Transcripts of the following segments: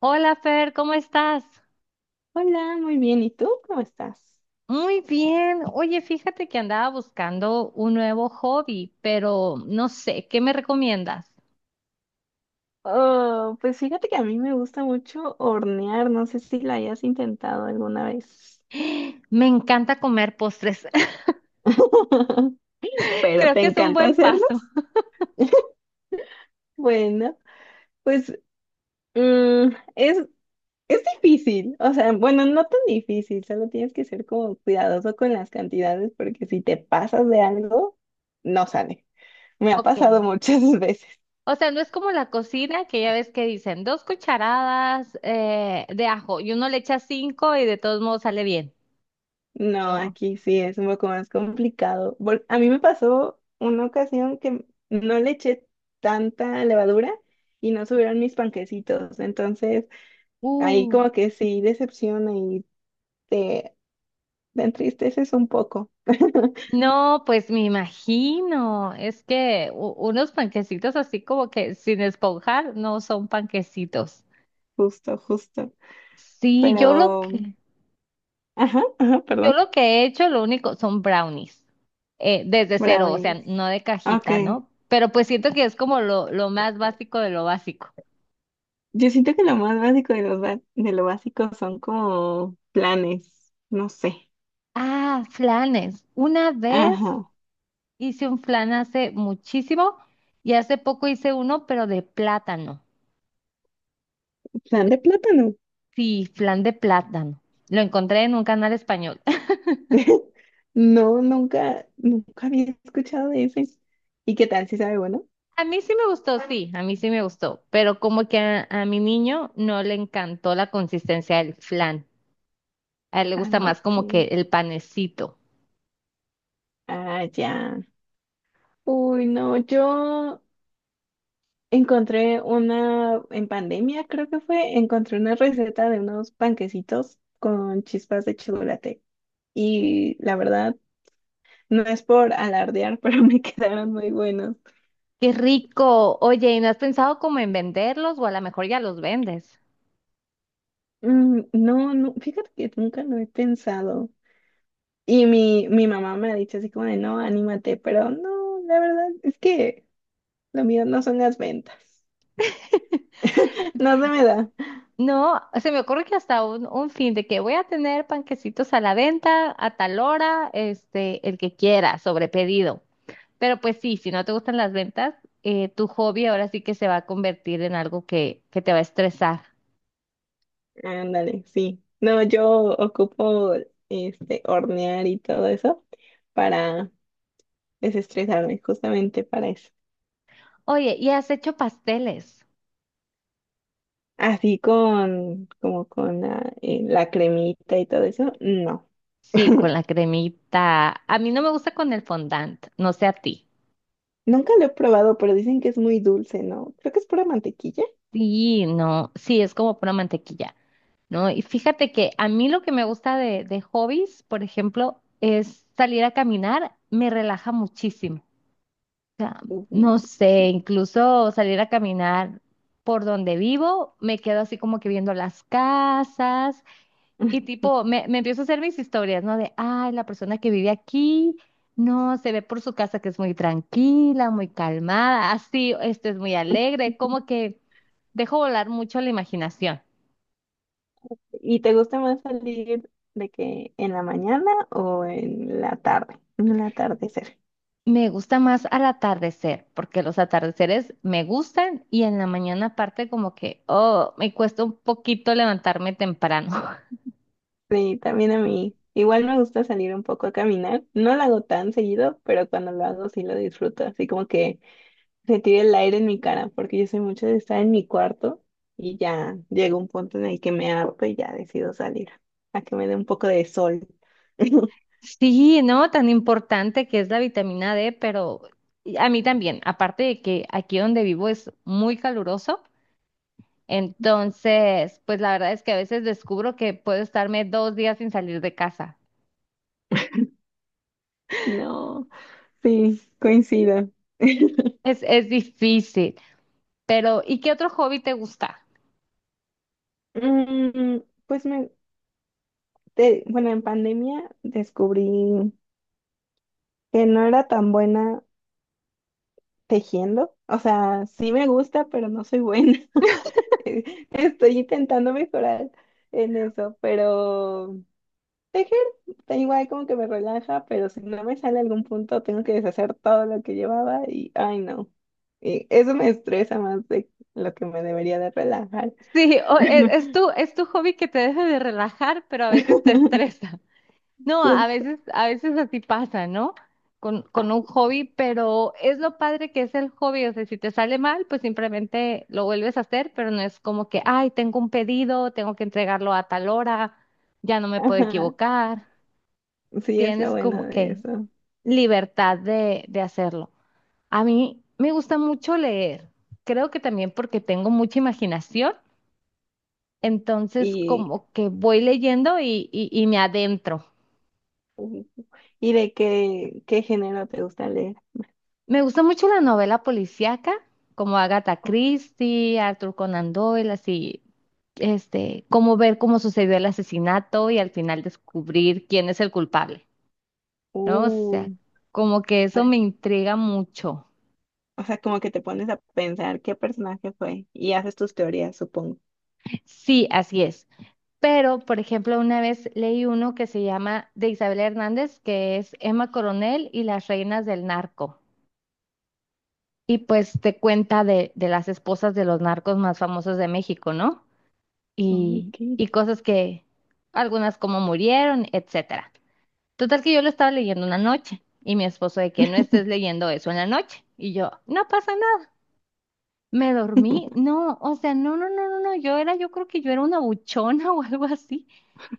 Hola Fer, ¿cómo estás? Hola, muy bien. ¿Y tú cómo estás? Muy bien. Oye, fíjate que andaba buscando un nuevo hobby, pero no sé, ¿qué me recomiendas? Oh, pues fíjate que a mí me gusta mucho hornear. No sé si la hayas intentado alguna vez. Me encanta comer postres. Pero Creo ¿te que es un encanta buen paso. hacerlos? Bueno, pues mm, es, es difícil. O sea, bueno, no tan difícil. Solo tienes que ser como cuidadoso con las cantidades porque si te pasas de algo, no sale. Me ha Ok. pasado muchas veces. O sea, no es como la cocina que ya ves que dicen dos cucharadas de ajo y uno le echa cinco y de todos modos sale bien. No, No. aquí sí es un poco más complicado. A mí me pasó una ocasión que no le eché tanta levadura y no subieron mis panquecitos. Entonces, ahí Uh. como que sí decepciona y te, te entristeces un poco. No, pues me imagino. Es que unos panquecitos así como que sin esponjar no son panquecitos. Justo, justo. Sí, Pero, ajá, ajá, yo perdón. lo que he hecho, lo único, son brownies, desde Bravo. cero, o sea, no de cajita, Ok. ¿no? Pero pues siento que es como lo más básico de lo básico. Yo siento que lo más básico de, de lo básico son como planes. No sé. Ah, flanes. Una vez Ajá. hice un flan hace muchísimo y hace poco hice uno, pero de plátano. Plan De- de plátano. sí, flan de plátano. Lo encontré en un canal español. No, nunca, nunca había escuchado de ese. ¿Y qué tal? ¿Si sabe bueno? A mí sí me gustó, sí, a mí sí me gustó, pero como que a mi niño no le encantó la consistencia del flan. A él le Ah, gusta más como que ok. el panecito. Ah, ya. Uy, no, yo encontré una, en pandemia creo que fue, encontré una receta de unos panquecitos con chispas de chocolate. Y la verdad, no es por alardear, pero me quedaron muy buenos. ¡Qué rico! Oye, ¿y no has pensado como en venderlos o a lo mejor ya los vendes? No, no, fíjate que nunca lo he pensado. Y mi mamá me ha dicho así como de, no, anímate, pero no, la verdad es que lo mío no son las ventas. No se me da. No, se me ocurre que hasta un fin de que voy a tener panquecitos a la venta a tal hora, este, el que quiera, sobre pedido. Pero pues sí, si no te gustan las ventas, tu hobby ahora sí que se va a convertir en algo que te va a estresar. Ándale, sí. No, yo ocupo este hornear y todo eso para desestresarme, justamente para eso. Oye, ¿y has hecho pasteles? Así con, como con la, la cremita y todo eso, no. Sí, con la cremita. A mí no me gusta con el fondant, no sé a ti. Nunca lo he probado, pero dicen que es muy dulce, ¿no? Creo que es pura mantequilla. Sí, no, sí, es como pura mantequilla, ¿no? Y fíjate que a mí lo que me gusta de hobbies, por ejemplo, es salir a caminar, me relaja muchísimo. O sea, Uh, no sé, sí. incluso salir a caminar por donde vivo, me quedo así como que viendo las casas y tipo, me empiezo a hacer mis historias, ¿no? De, ay, la persona que vive aquí, no, se ve por su casa que es muy tranquila, muy calmada, así, este es muy alegre, como que... Dejo volar mucho la imaginación. ¿Y te gusta más salir de que en la mañana o en la tarde? En el atardecer. Me gusta más al atardecer, porque los atardeceres me gustan y en la mañana aparte como que, oh, me cuesta un poquito levantarme temprano. Sí, también a mí. Igual me gusta salir un poco a caminar. No lo hago tan seguido, pero cuando lo hago sí lo disfruto. Así como que se tira el aire en mi cara, porque yo soy mucho de estar en mi cuarto y ya llega un punto en el que me harto y ya decido salir a que me dé un poco de sol. Sí, ¿no? Tan importante que es la vitamina D, pero a mí también, aparte de que aquí donde vivo es muy caluroso, entonces, pues la verdad es que a veces descubro que puedo estarme dos días sin salir de casa. No, sí, coincido. Es difícil, pero ¿y qué otro hobby te gusta? Mm, pues me, bueno, en pandemia descubrí que no era tan buena tejiendo. O sea, sí me gusta, pero no soy buena. Estoy intentando mejorar en eso, pero tejer, da igual como que me relaja, pero si no me sale algún punto, tengo que deshacer todo lo que llevaba y, ay, no. Y eso me estresa más de lo que me debería de relajar. Sí, es, es tu hobby que te deja de relajar, pero a veces te estresa. No, Pues, a veces así pasa, ¿no? Con un hobby, pero es lo padre que es el hobby. O sea, si te sale mal, pues simplemente lo vuelves a hacer, pero no es como que, ay, tengo un pedido, tengo que entregarlo a tal hora, ya no me puedo ajá, equivocar. sí es lo Tienes bueno como de que eso. libertad de hacerlo. A mí me gusta mucho leer. Creo que también porque tengo mucha imaginación. Entonces, Y como que voy leyendo y me adentro. ¿y de qué, qué género te gusta leer? Me gusta mucho la novela policíaca, como Agatha Oh, Christie, Arthur Conan Doyle, así, este, como ver cómo sucedió el asesinato y al final descubrir quién es el culpable, ¿no? O sea, uh, como que eso pues, me intriga mucho. o sea, como que te pones a pensar qué personaje fue y haces tus teorías, supongo. Sí, así es. Pero, por ejemplo, una vez leí uno que se llama de Isabel Hernández, que es Emma Coronel y las reinas del narco. Y pues te cuenta de las esposas de los narcos más famosos de México, ¿no? Y, Ok. y cosas que, algunas como murieron, etcétera. Total que yo lo estaba leyendo una noche y mi esposo de que no estés leyendo eso en la noche. Y yo, no pasa nada. Me dormí, no, o sea, no, no, no, no, no, yo era, yo creo que yo era una buchona o algo así.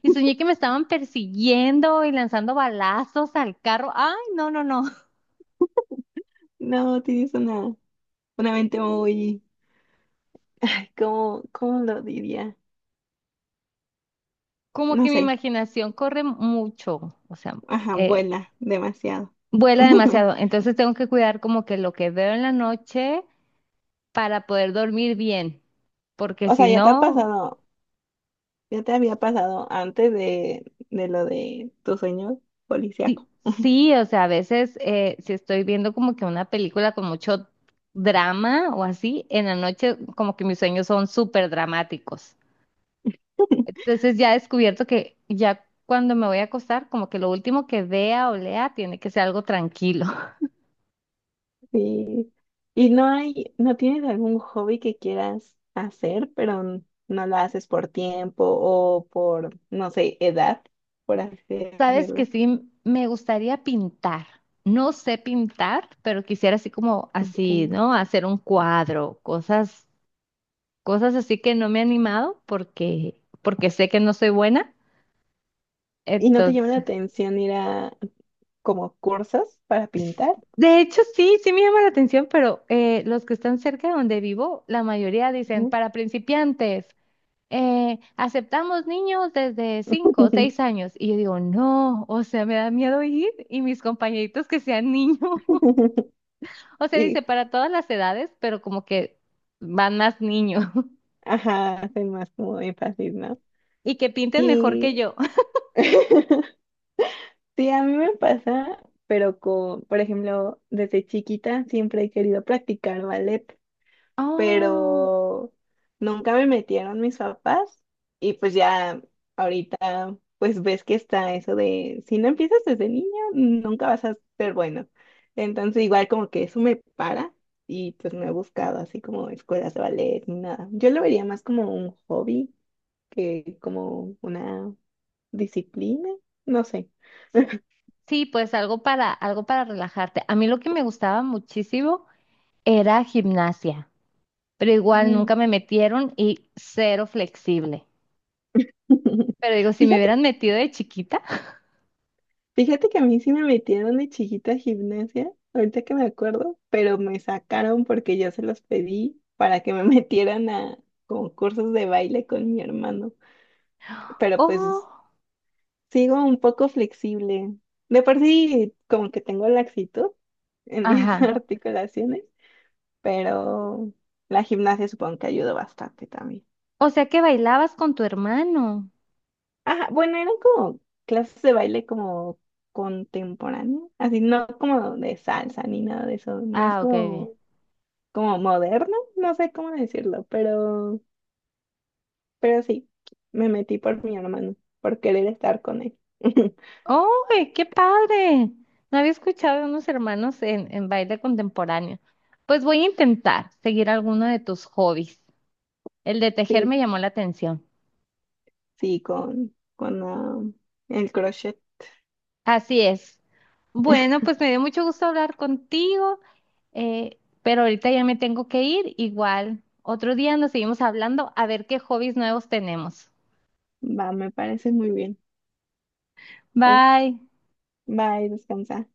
Y soñé que me estaban persiguiendo y lanzando balazos al carro. Ay, no, no, no. No, tienes una mente muy, ay, ¿cómo, cómo lo diría? Como No que mi sé, imaginación corre mucho. O sea, ajá, eh, vuela demasiado. vuela demasiado, entonces tengo que cuidar como que lo que veo en la noche para poder dormir bien, porque O si sea, ya te ha no, pasado, ya te había pasado antes de lo de tu sueño policiaco. sí, sí, o sea, a veces si estoy viendo como que una película con mucho drama o así, en la noche como que mis sueños son súper dramáticos. Entonces ya he descubierto que ya cuando me voy a acostar, como que lo último que vea o lea tiene que ser algo tranquilo. Sí. ¿Y no hay, no tienes algún hobby que quieras hacer, pero no lo haces por tiempo o por, no sé, edad, por así Sabes que decirlo? sí, me gustaría pintar. No sé pintar, pero quisiera así como así, Ok. ¿no? Hacer un cuadro, cosas, cosas así que no me he animado porque, porque sé que no soy buena. ¿Y no te llama Entonces, la atención ir a como cursos para pintar? de hecho sí, sí me llama la atención, pero los que están cerca de donde vivo, la mayoría dicen Ujú. para principiantes. Eh, aceptamos niños desde 5, o 6 años. Y yo digo, no, o sea, me da miedo ir y mis compañeritos que sean niños. O sea, Y, dice para todas las edades, pero como que van más niños ajá, hacen más como énfasis, ¿no? y que pinten mejor que Sí. yo. Sí, a mí me pasa, pero con, por ejemplo, desde chiquita siempre he querido practicar ballet. Oh, Pero nunca me metieron mis papás y pues ya ahorita pues ves que está eso de si no empiezas desde niño nunca vas a ser bueno. Entonces igual como que eso me para y pues no he buscado así como escuelas de ballet ni nada. Yo lo vería más como un hobby que como una disciplina, no sé. sí, pues algo para, algo para relajarte. A mí lo que me gustaba muchísimo era gimnasia, pero igual Mm. nunca me metieron y cero flexible. Pero digo, si me Fíjate hubieran metido de chiquita, Fíjate que a mí sí me metieron de chiquita a gimnasia, ahorita que me acuerdo, pero me sacaron porque yo se los pedí para que me metieran a concursos de baile con mi hermano. Pero pues oh, sigo un poco flexible. De por sí, como que tengo laxitud en mis ajá. articulaciones, pero la gimnasia supongo que ayuda bastante también. O sea que bailabas con tu hermano. Ajá, bueno, eran como clases de baile como contemporáneo, así no como de salsa ni nada de eso, más Ah, ok, ok. como, como moderno, no sé cómo decirlo, pero sí, me metí por mi hermano, por querer estar con él. ¡Oh, qué padre! No había escuchado de unos hermanos en baile contemporáneo. Pues voy a intentar seguir alguno de tus hobbies. El de tejer Sí, me llamó la atención. sí, con el crochet, Así es. Bueno, pues me dio mucho gusto hablar contigo, pero ahorita ya me tengo que ir. Igual, otro día nos seguimos hablando a ver qué hobbies nuevos tenemos. va, me parece muy bien, pues, Bye. bye, descansa.